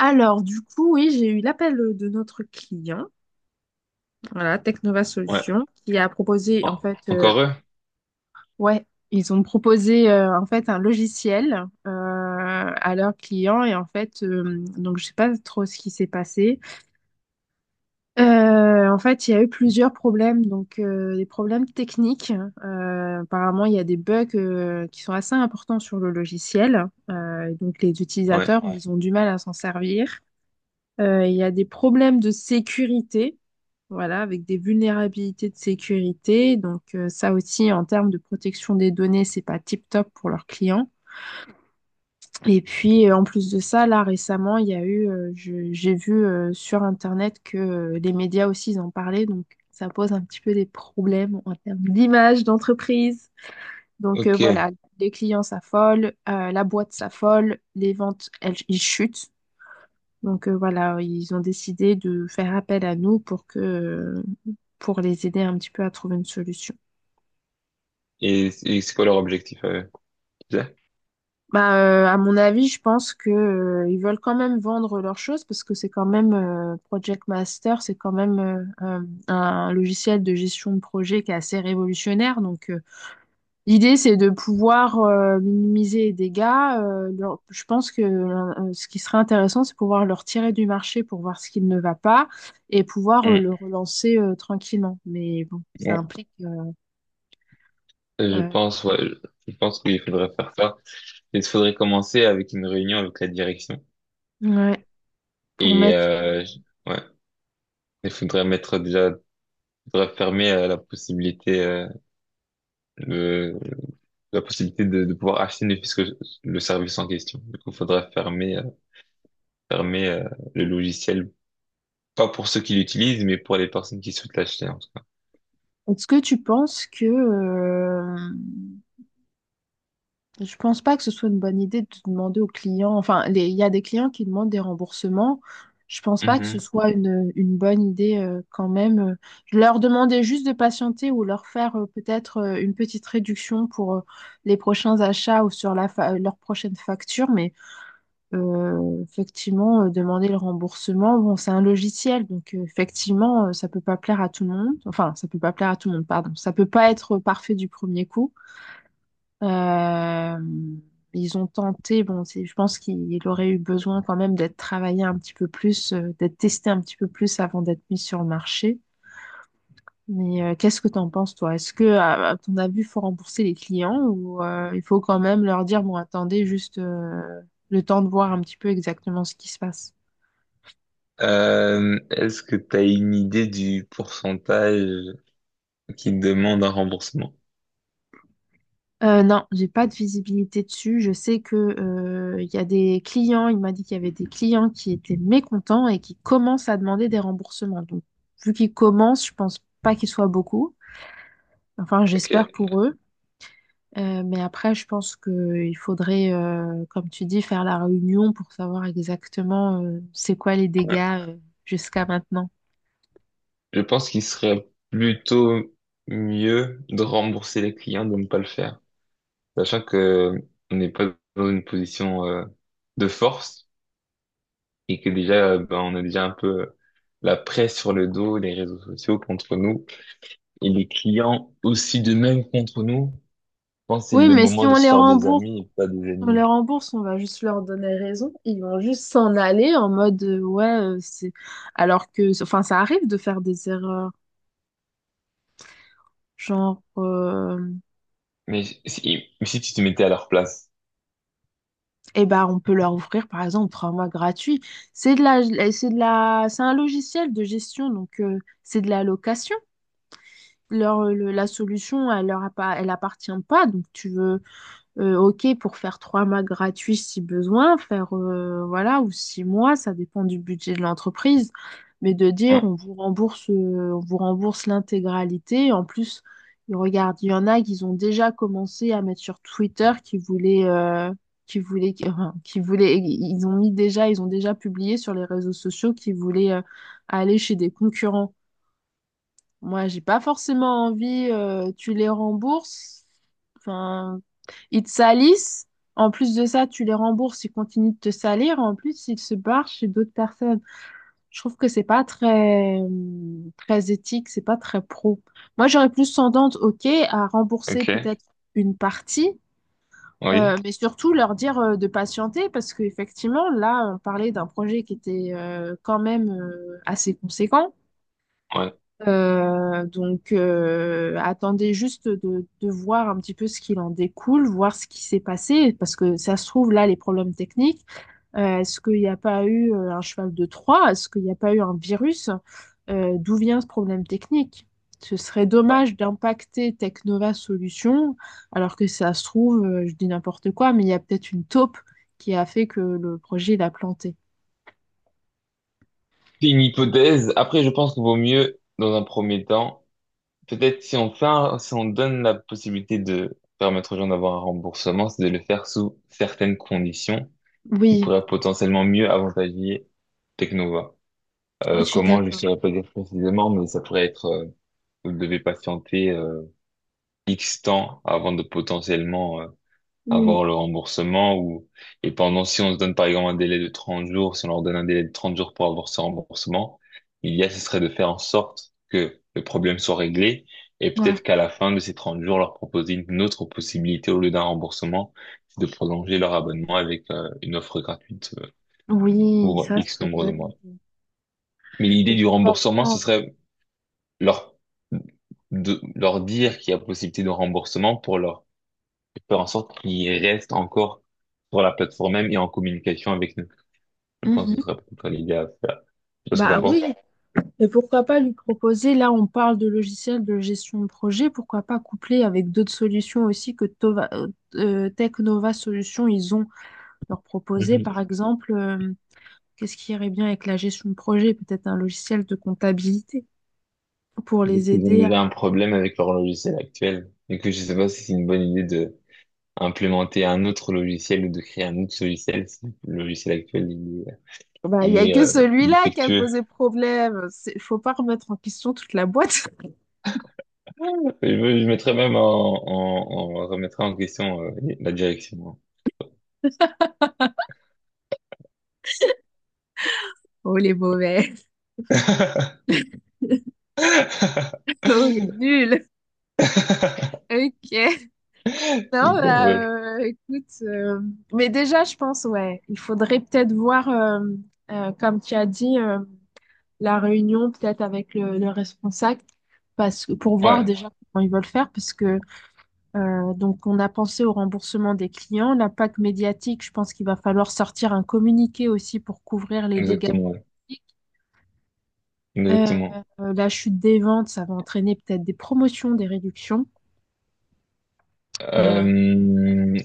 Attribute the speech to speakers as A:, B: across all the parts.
A: Alors, du coup, oui, j'ai eu l'appel de notre client, voilà, Technova
B: Ouais.
A: Solutions, qui a proposé, en fait,
B: Encore eux?
A: ouais, ils ont proposé, en fait, un logiciel à leurs clients. Et en fait, donc, je sais pas trop ce qui s'est passé. En fait, il y a eu plusieurs problèmes, donc des problèmes techniques. Apparemment, il y a des bugs qui sont assez importants sur le logiciel. Et donc, les
B: Ouais.
A: utilisateurs, ouais, ils ont du mal à s'en servir. Il y a des problèmes de sécurité, voilà, avec des vulnérabilités de sécurité. Donc ça aussi, en termes de protection des données, c'est pas tip-top pour leurs clients. Et puis en plus de ça, là récemment, il y a eu, j'ai vu sur Internet que les médias aussi ils en parlaient, donc ça pose un petit peu des problèmes en termes d'image d'entreprise. Donc
B: Ok.
A: voilà,
B: Et,
A: les clients s'affolent, la boîte s'affole, les ventes, elles, ils chutent. Donc voilà, ils ont décidé de faire appel à nous pour que, pour les aider un petit peu à trouver une solution.
B: et c'est quoi leur objectif à eux? Tu sais.
A: Bah, à mon avis, je pense que, ils veulent quand même vendre leurs choses parce que c'est quand même Project Master, c'est quand même un logiciel de gestion de projet qui est assez révolutionnaire. Donc, l'idée, c'est de pouvoir minimiser les dégâts. Je pense que ce qui serait intéressant, c'est pouvoir le retirer du marché pour voir ce qui ne va pas et pouvoir
B: Hmm,
A: le relancer tranquillement. Mais bon, ça
B: ouais.
A: implique...
B: Euh, Je
A: euh,
B: pense, ouais, je je pense qu'il faudrait faire ça. Il faudrait commencer avec une réunion avec la direction.
A: ouais, pour
B: Et
A: mettre...
B: euh, je- ouais, il faudrait mettre déjà, il faudrait fermer la possibilité, de, la possibilité de pouvoir acheter ne fût-ce que le service en question. Du coup, il faudrait fermer, fermer euh, le logiciel, pas pour ceux qui l'utilisent, mais pour les personnes qui souhaitent l'acheter en tout
A: Est-ce que tu penses que... Je pense pas que ce soit une bonne idée de demander aux clients. Enfin, il y a des clients qui demandent des remboursements. Je pense pas que ce
B: cas.
A: soit une bonne idée quand même. Je leur demander juste de patienter ou leur faire peut-être une petite réduction pour les prochains achats ou sur la leur prochaine facture. Mais effectivement, demander le remboursement, bon, c'est un logiciel, donc effectivement, ça peut pas plaire à tout le monde. Enfin, ça peut pas plaire à tout le monde, pardon. Ça peut pas être parfait du premier coup. Euh, Ils ont tenté, bon, c'est- je pense qu'il aurait eu besoin quand même d'être travaillé un petit peu plus, d'être testé un petit peu plus avant d'être mis sur le marché. Mais qu'est-ce que t'en penses, toi? Est-ce que, à ton avis, il faut rembourser les clients ou il faut quand même leur dire, bon, attendez juste le temps de voir un petit peu exactement ce qui se passe?
B: Est-ce que tu as une idée du pourcentage qui demande un remboursement?
A: Non, j'ai pas de visibilité dessus. Je sais que il y a des clients, il m'a dit qu'il y avait des clients qui étaient mécontents et qui commencent à demander des remboursements. Donc, vu qu'ils commencent, je pense pas qu'ils soient beaucoup. Enfin,
B: Ok.
A: j'espère pour eux. Mais après, je pense qu'il faudrait, comme tu dis, faire la réunion pour savoir exactement c'est quoi les
B: Ouais.
A: dégâts jusqu'à maintenant.
B: Je pense qu'il serait plutôt mieux de rembourser les clients, de ne pas le faire. Sachant que on n'est pas dans une position de force et que déjà, ben, on a déjà un peu la presse sur le dos, les réseaux sociaux contre nous et les clients aussi de même contre nous. Je pense que c'est
A: Oui,
B: le
A: mais si
B: moment de
A: on
B: se
A: les
B: faire des
A: rembourse.
B: amis et pas des
A: On
B: ennemis.
A: les rembourse, on va juste leur donner raison. Ils vont juste s'en aller en mode ouais, c'est. Alors que, enfin, ça arrive de faire des erreurs. Genre,
B: Mais si, si, mais si tu te mettais à leur place.
A: eh ben, on peut leur offrir par exemple trois mois gratuits. C'est de la, c'est un logiciel de gestion, donc c'est de la location. La solution, elle elle appartient pas. Donc tu veux. Ok, pour faire trois mois gratuits si besoin, faire voilà, ou six mois, ça dépend du budget de l'entreprise. Mais de dire on vous rembourse l'intégralité. En plus, ils regardent, il y en a qui ont déjà commencé à mettre sur Twitter qui voulaient, qui voulaient, ils ont mis déjà, ils ont déjà publié sur les réseaux sociaux qu'ils voulaient aller chez des concurrents. Moi, j'ai pas forcément envie, tu les rembourses. Enfin, ils te salissent. En plus de ça, tu les rembourses, ils continuent de te salir. En plus, ils se barrent chez d'autres personnes. Je trouve que c'est pas très, très éthique, c'est pas très pro. Moi, j'aurais plus tendance, OK, à rembourser
B: Ok,
A: peut-être une partie,
B: oui,
A: mais surtout leur dire de patienter parce qu'effectivement, là, on parlait d'un projet qui était quand même assez conséquent.
B: ouais.
A: Donc, attendez juste de voir un petit peu ce qu'il en découle, voir ce qui s'est passé, parce que ça se trouve, là, les problèmes techniques, est-ce qu'il n'y a pas eu un cheval de Troie? Est-ce qu'il n'y a pas eu un virus? D'où vient ce problème technique? Ce serait dommage d'impacter Technova Solutions, alors que ça se trouve, je dis n'importe quoi, mais il y a peut-être une taupe qui a fait que le projet, il a planté.
B: C'est une hypothèse. Après, je pense qu'il vaut mieux, dans un premier temps, peut-être si on fait si on donne la possibilité de permettre aux gens d'avoir un remboursement, c'est de le faire sous certaines conditions qui
A: Oui,
B: pourraient potentiellement mieux avantager Teknova.
A: je suis
B: Comment, je ne
A: d'accord.
B: saurais pas dire précisément, mais ça pourrait être, vous devez patienter X temps avant de potentiellement
A: Oui,
B: avoir le remboursement ou et pendant si on se donne par exemple un délai de 30 jours, si on leur donne un délai de 30 jours pour avoir ce remboursement, l'idéal ce serait de faire en sorte que le problème soit réglé et
A: ouais.
B: peut-être qu'à la fin de ces 30 jours leur proposer une autre possibilité au lieu d'un remboursement, c'est de prolonger leur abonnement avec une offre gratuite
A: Oui,
B: pour
A: ça
B: X
A: serait
B: nombre de mois. Mais l'idée du remboursement, ce serait leur de leur dire qu'il y a possibilité de remboursement pour leur faire en sorte qu'ils restent encore sur la plateforme même et en communication avec nous. Je pense que ce
A: bien.
B: serait peut-être l'idée à faire. Je sais pas ce que
A: Bah
B: t'en
A: oui,
B: penses.
A: et pourquoi pas lui proposer, là on parle de logiciels de gestion de projet, pourquoi pas coupler avec d'autres solutions aussi que Technova Solutions, ils ont leur proposé,
B: Mhm.
A: par exemple, qu'est-ce qui irait bien avec la gestion de projet, peut-être un logiciel de comptabilité pour
B: Donc,
A: les
B: ils ont
A: aider à...
B: déjà un problème avec leur logiciel actuel. Et que je sais pas si c'est une bonne idée de implémenter un autre logiciel ou de créer un autre logiciel si le logiciel actuel
A: Bah, il n'y
B: il
A: a
B: est,
A: que
B: euh,
A: celui-là qui a
B: défectueux.
A: posé problème. C'est- Faut pas remettre en question toute la boîte.
B: Je mettrais même en remettrais en question la direction.
A: Oh les mauvais,
B: Tout
A: oh les nuls.
B: à
A: Ok. Non, bah,
B: fait.
A: écoute, mais déjà, je pense, ouais, il faudrait peut-être voir, comme tu as dit, la réunion peut-être avec le responsable, parce que pour voir
B: Ouais,
A: déjà comment ils veulent faire, parce que donc on a pensé au remboursement des clients, l'impact médiatique, je pense qu'il va falloir sortir un communiqué aussi pour couvrir les dégâts.
B: exactement. Ouais.
A: Médiatiques. Euh,
B: Exactement.
A: la chute des ventes, ça va entraîner peut-être des promotions, des réductions. Euh,
B: Euh,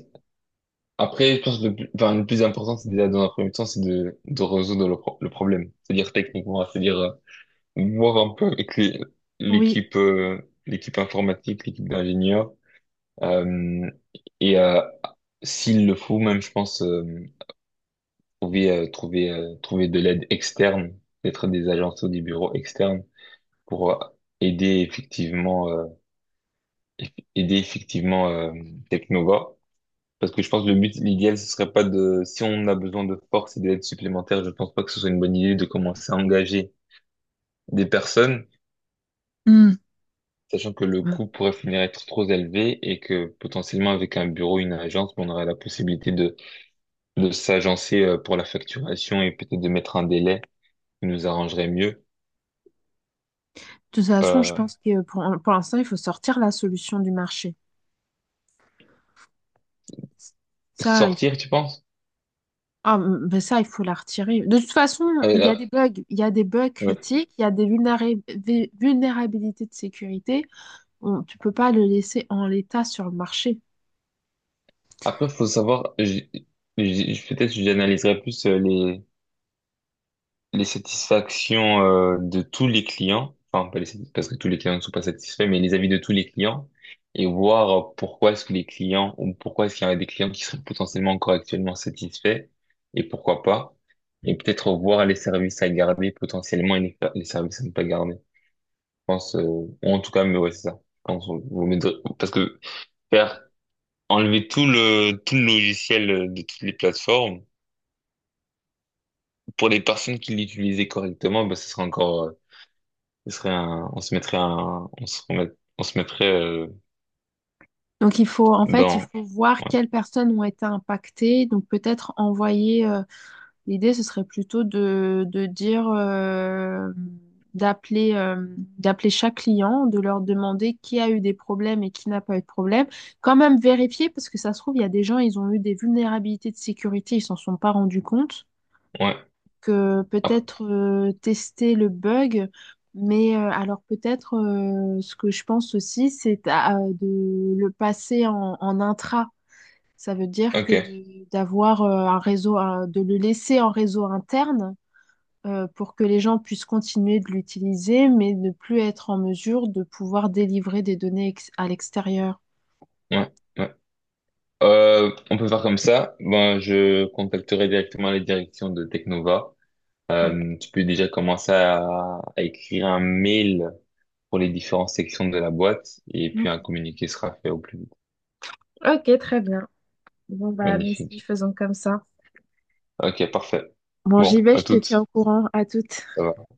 B: Après, je pense que le plus, enfin, le plus important, c'est déjà dans un premier temps, c'est de résoudre le, le problème. C'est-à-dire techniquement, c'est-à-dire voir un peu avec
A: oui.
B: l'équipe l'équipe informatique, l'équipe d'ingénieurs. euh, et euh, S'il le faut, même, je pense, trouver de l'aide externe, peut-être des agences ou des bureaux externes pour aider effectivement, aider effectivement Technova. Parce que je pense que le but, l'idéal, ce serait pas de, si on a besoin de force et d'aide supplémentaire, je pense pas que ce soit une bonne idée de commencer à engager des personnes,
A: Hmm.
B: sachant que le coût pourrait finir être trop élevé et que potentiellement avec un bureau, une agence, on aurait la possibilité de s'agencer pour la facturation et peut-être de mettre un délai qui nous arrangerait mieux.
A: De toute façon, je
B: Euh,
A: pense que pour l'instant, il faut sortir la solution du marché. Ça, il
B: sortir, tu penses?
A: ah, ben ça, il faut la retirer. De toute façon, il y a
B: Là,
A: des bugs, il y a des bugs
B: ouais.
A: critiques, il y a des vulnérabilités de sécurité. On- tu peux pas le laisser en l'état sur le marché.
B: Après, faut savoir, peut-être j'analyserai plus les satisfactions de tous les clients, enfin pas les parce que tous les clients ne sont pas satisfaits, mais les avis de tous les clients et voir pourquoi est-ce que les clients ou pourquoi est-ce qu'il y a des clients qui sont potentiellement encore actuellement satisfaits et pourquoi pas et peut-être voir les services à garder potentiellement et les services à ne pas garder. Je pense ou en tout cas mais ouais c'est ça. Je pense parce que faire enlever tout le logiciel de toutes les plateformes pour les personnes qui l'utilisaient correctement, bah, ce sera encore ce serait on se mettrait un, on se remet, on se mettrait
A: Donc, il faut, en fait, il
B: dans,
A: faut voir
B: ouais,
A: quelles personnes ont été impactées. Donc, peut-être envoyer, l'idée, ce serait plutôt de dire, d'appeler, euh, d'appeler chaque client, de leur demander qui a eu des problèmes et qui n'a pas eu de problème. Quand même vérifier, parce que ça se trouve, il y a des gens, ils ont eu des vulnérabilités de sécurité, ils s'en sont pas rendus compte.
B: ouais,
A: Que
B: ah,
A: peut-être tester le bug, mais alors peut-être ce que je pense aussi, de le passer en intra. Ça veut dire
B: ok,
A: que
B: ouais,
A: d'avoir un réseau, un- de le laisser en réseau interne pour que les gens puissent continuer de l'utiliser, mais ne plus être en mesure de pouvoir délivrer des données à l'extérieur.
B: ouais. On peut faire comme ça. Ben, je contacterai directement les directions de Technova.
A: Ok,
B: Tu peux déjà commencer à écrire un mail pour les différentes sections de la boîte et puis un
A: ok.
B: communiqué sera fait au plus vite.
A: Ok, très bien. Bon, bah, nous
B: Magnifique.
A: faisons comme ça.
B: Ok, parfait.
A: Bon, j'y
B: Bon,
A: vais,
B: à
A: je te tiens
B: toutes.
A: au courant. À toutes.
B: Ça va.